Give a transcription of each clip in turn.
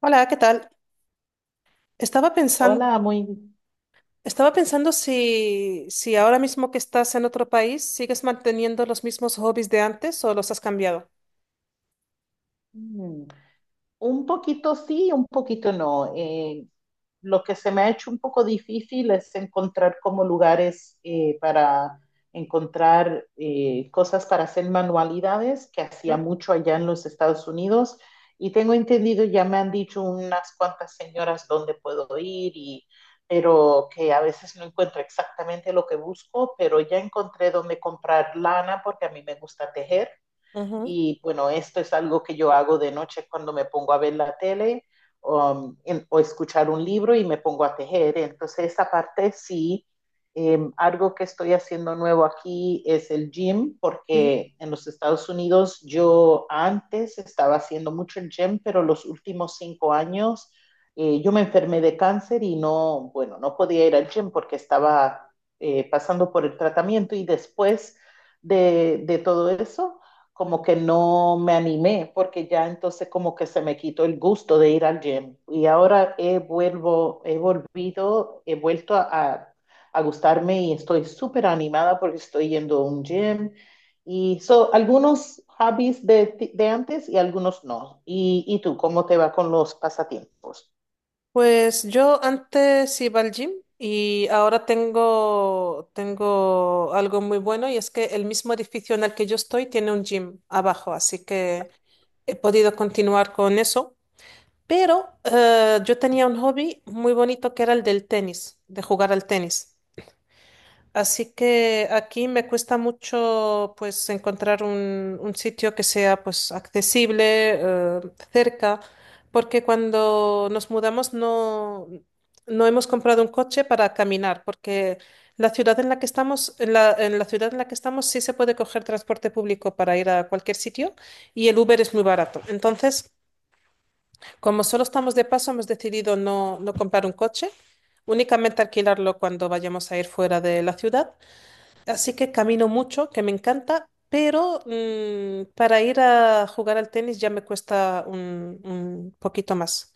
Hola, ¿qué tal? Estaba pensando, Hola, muy. estaba pensando si ahora mismo que estás en otro país, ¿sigues manteniendo los mismos hobbies de antes o los has cambiado? mm, Un poquito sí, un poquito no. Lo que se me ha hecho un poco difícil es encontrar como lugares para encontrar cosas para hacer manualidades, que hacía ¿Mm? mucho allá en los Estados Unidos. Y tengo entendido, ya me han dicho unas cuantas señoras dónde puedo ir, pero que a veces no encuentro exactamente lo que busco, pero ya encontré dónde comprar lana porque a mí me gusta tejer. Ujú, Y bueno, esto es algo que yo hago de noche cuando me pongo a ver la tele, o escuchar un libro y me pongo a tejer. Entonces, esa parte sí. Algo que estoy haciendo nuevo aquí es el gym, ujú. porque en los Estados Unidos yo antes estaba haciendo mucho el gym, pero los últimos 5 años yo me enfermé de cáncer y no, bueno, no podía ir al gym porque estaba pasando por el tratamiento y después de todo eso como que no me animé, porque ya entonces como que se me quitó el gusto de ir al gym. Y ahora he, vuelvo, he volvido, he vuelto a a gustarme y estoy súper animada porque estoy yendo a un gym. Y son algunos hobbies de antes y algunos no. ¿Y tú cómo te va con los pasatiempos? Pues yo antes iba al gym y ahora tengo algo muy bueno, y es que el mismo edificio en el que yo estoy tiene un gym abajo, así que he podido continuar con eso. Pero yo tenía un hobby muy bonito que era el del tenis, de jugar al tenis. Así que aquí me cuesta mucho pues encontrar un sitio que sea pues accesible, eh, cerca, porque cuando nos mudamos no hemos comprado un coche, para caminar, porque la ciudad en la que estamos, en la ciudad en la que estamos sí se puede coger transporte público para ir a cualquier sitio, y el Uber es muy barato. Entonces, como solo estamos de paso, hemos decidido no comprar un coche, únicamente alquilarlo cuando vayamos a ir fuera de la ciudad. Así que camino mucho, que me encanta, pero para ir a jugar al tenis ya me cuesta un poquito más.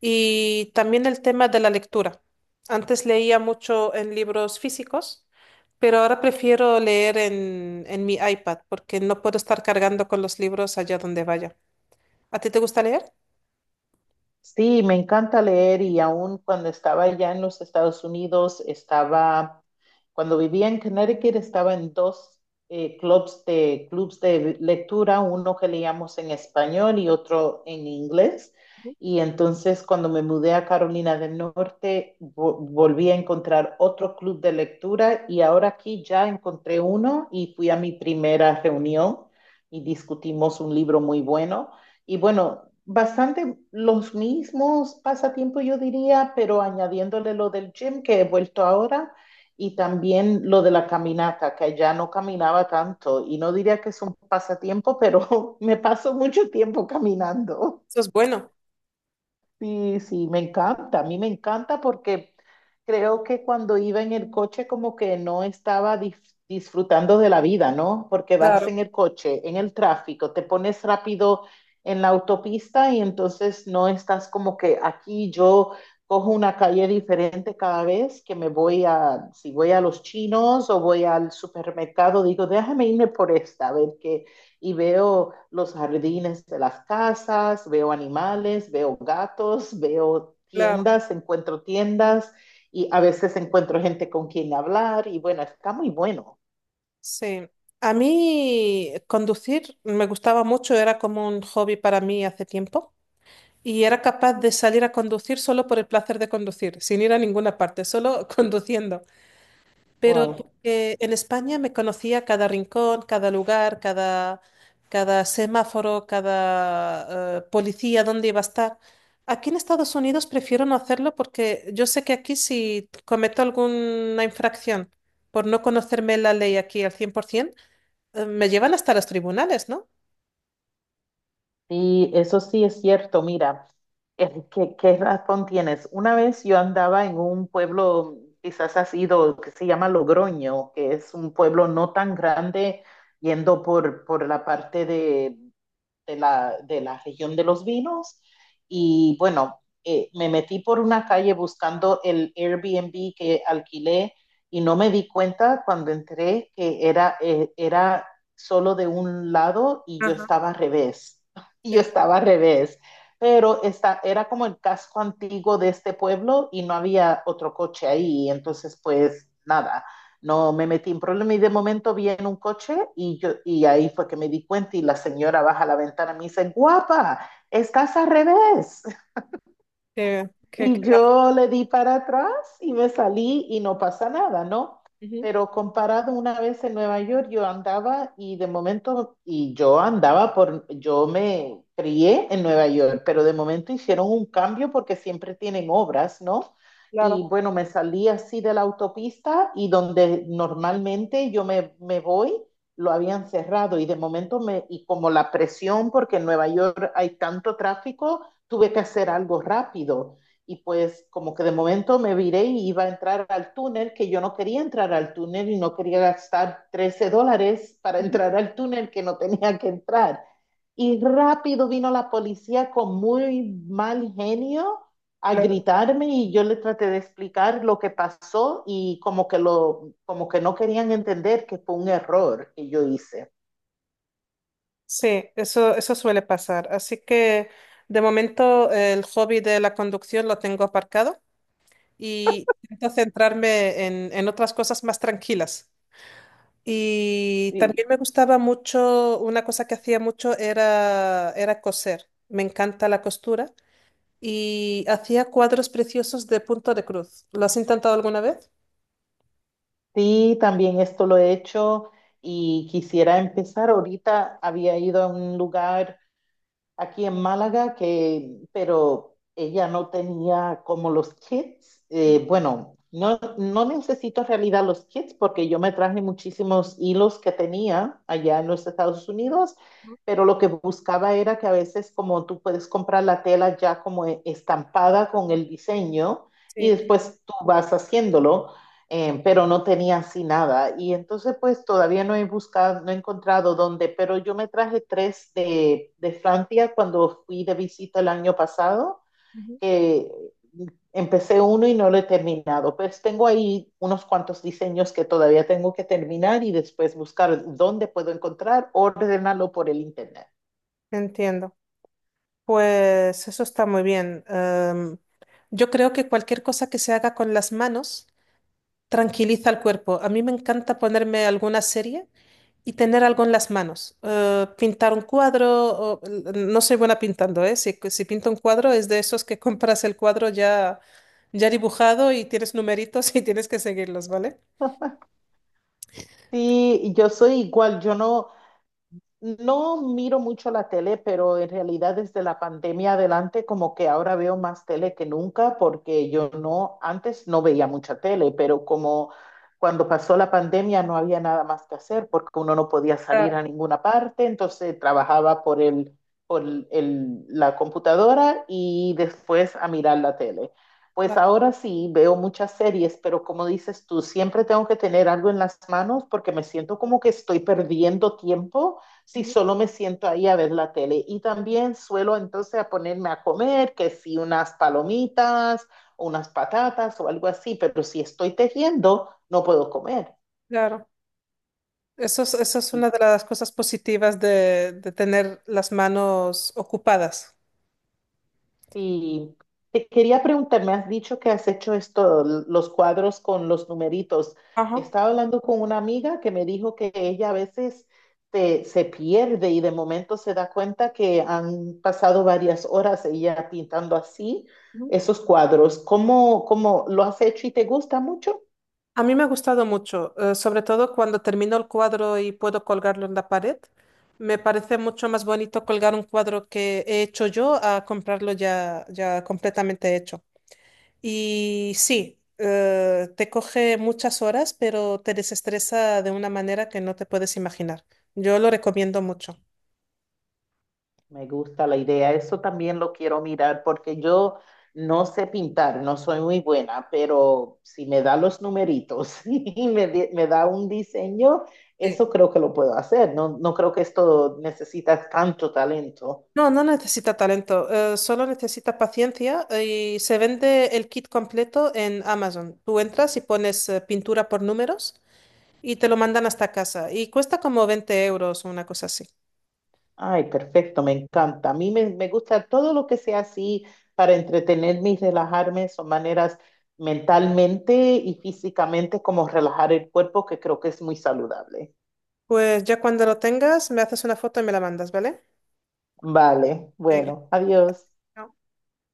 Y también el tema de la lectura. Antes leía mucho en libros físicos, pero ahora prefiero leer en mi iPad porque no puedo estar cargando con los libros allá donde vaya. ¿A ti te gusta leer? Sí, me encanta leer y aún cuando estaba allá en los Estados Unidos estaba cuando vivía en Connecticut estaba en dos clubs de lectura, uno que leíamos en español y otro en inglés. Y entonces cuando me mudé a Carolina del Norte, volví a encontrar otro club de lectura y ahora aquí ya encontré uno y fui a mi primera reunión y discutimos un libro muy bueno. Y bueno, bastante los mismos pasatiempos yo diría, pero añadiéndole lo del gym que he vuelto ahora y también lo de la caminata, que ya no caminaba tanto. Y no diría que es un pasatiempo, pero me paso mucho tiempo caminando. Eso es bueno. Sí, sí, me encanta, a mí me encanta porque creo que cuando iba en el coche como que no estaba disfrutando de la vida, ¿no? Porque vas Claro, en el coche, en el tráfico, te pones rápido en la autopista y entonces no estás como que aquí yo cojo una calle diferente cada vez que me voy a, si voy a los chinos o voy al supermercado, digo, déjame irme por esta, a ver qué, y veo los jardines de las casas, veo animales, veo gatos, veo claro. tiendas, encuentro tiendas y a veces encuentro gente con quien hablar y bueno, está muy bueno. Sí. A mí conducir me gustaba mucho, era como un hobby para mí hace tiempo. Y era capaz de salir a conducir solo por el placer de conducir, sin ir a ninguna parte, solo conduciendo. Pero Wow. porque en España me conocía cada rincón, cada lugar, cada semáforo, cada policía, dónde iba a estar. Aquí en Estados Unidos prefiero no hacerlo porque yo sé que aquí si cometo alguna infracción por no conocerme la ley aquí al 100%, me llevan hasta los tribunales, ¿no? Y eso sí es cierto, mira, ¿qué razón tienes. Una vez yo andaba en un pueblo, quizás has ido, que se llama Logroño, que es un pueblo no tan grande, yendo por la parte de la región de los vinos y bueno, me metí por una calle buscando el Airbnb que alquilé y no me di cuenta cuando entré que era solo de un lado y yo Ajá. estaba al revés, y yo Sí, estaba al revés, pero esta, era como el casco antiguo de este pueblo y no había otro coche ahí, entonces pues nada, no me metí en problema y de momento vi en un coche y, yo, y ahí fue que me di cuenta y la señora baja la ventana y me dice, guapa, estás al revés. Y que- yo le di para atrás y me salí y no pasa nada, ¿no? Ujú. Pero comparado una vez en Nueva York, yo andaba y de momento, y yo andaba por, yo me crié en Nueva York, pero de momento hicieron un cambio porque siempre tienen obras, ¿no? Y Claro. bueno, me salí así de la autopista y donde normalmente yo me voy, lo habían cerrado y de momento y como la presión, porque en Nueva York hay tanto tráfico, tuve que hacer algo rápido y pues como que de momento me viré y iba a entrar al túnel, que yo no quería entrar al túnel y no quería gastar $13 para entrar al túnel que no tenía que entrar. Y rápido vino la policía con muy mal genio a Claro. gritarme y yo le traté de explicar lo que pasó y como que lo como que no querían entender que fue un error que yo hice. Sí, eso suele pasar. Así que de momento el hobby de la conducción lo tengo aparcado, y intento centrarme en otras cosas más tranquilas. Y Sí. también me gustaba mucho, una cosa que hacía mucho era coser. Me encanta la costura y hacía cuadros preciosos de punto de cruz. ¿Lo has intentado alguna vez? Sí, también esto lo he hecho y quisiera empezar. Ahorita había ido a un lugar aquí en Málaga, que, pero ella no tenía como los kits. Mm. Bueno, no, no necesito en realidad los kits porque yo me traje muchísimos hilos que tenía allá en los Estados Unidos, pero lo que buscaba era que a veces como tú puedes comprar la tela ya como estampada con el diseño y Sí. después tú vas haciéndolo, pero no tenía así nada. Y entonces, pues todavía no he buscado, no he encontrado dónde, pero yo me traje tres de Francia cuando fui de visita el año pasado, Ujú. que empecé uno y no lo he terminado. Pues tengo ahí unos cuantos diseños que todavía tengo que terminar y después buscar dónde puedo encontrar, ordenarlo por el internet. Entiendo. Pues eso está muy bien. Yo creo que cualquier cosa que se haga con las manos tranquiliza al cuerpo. A mí me encanta ponerme alguna serie y tener algo en las manos. Pintar un cuadro, o- no soy buena pintando, ¿eh? Si pinto un cuadro, es de esos que compras el cuadro ya, ya dibujado, y tienes numeritos y tienes que seguirlos, ¿vale? Sí, yo soy igual, yo no, no miro mucho la tele, pero en realidad desde la pandemia adelante como que ahora veo más tele que nunca porque yo no, antes no veía mucha tele, pero como cuando pasó la pandemia no había nada más que hacer porque uno no podía salir Claro. a ninguna parte, entonces trabajaba por el, por la computadora y después a mirar la tele. Pues Claro, ahora sí veo muchas series, pero como dices tú, siempre tengo que tener algo en las manos porque me siento como que estoy perdiendo tiempo si solo me siento ahí a ver la tele. Y también suelo entonces a ponerme a comer, que si unas palomitas, unas patatas o algo así, pero si estoy tejiendo, no puedo comer. claro. Eso es una de las cosas positivas de tener las manos ocupadas. Sí, te quería preguntar, me has dicho que has hecho esto, los cuadros con los numeritos. Ajá. Estaba hablando con una amiga que me dijo que ella a veces te se pierde y de momento se da cuenta que han pasado varias horas ella pintando así esos cuadros. ¿Cómo, cómo lo has hecho y te gusta mucho? A mí me ha gustado mucho, sobre todo cuando termino el cuadro y puedo colgarlo en la pared. Me parece mucho más bonito colgar un cuadro que he hecho yo a comprarlo ya, ya completamente hecho. Y sí, te coge muchas horas, pero te desestresa de una manera que no te puedes imaginar. Yo lo recomiendo mucho. Me gusta la idea, eso también lo quiero mirar porque yo no sé pintar, no soy muy buena, pero si me da los numeritos y me da un diseño, Sí. eso creo que lo puedo hacer. No, no creo que esto necesita tanto talento. No, no necesita talento, solo necesita paciencia, y se vende el kit completo en Amazon. Tú entras y pones pintura por números y te lo mandan hasta casa. Y cuesta como 20 euros o una cosa así. Ay, perfecto, me encanta. A mí me, me gusta todo lo que sea así para entretenerme y relajarme, son maneras mentalmente y físicamente como relajar el cuerpo, que creo que es muy saludable. Pues ya cuando lo tengas, me haces una foto y me la mandas, ¿vale? Vale, Venga. bueno, adiós. Chao.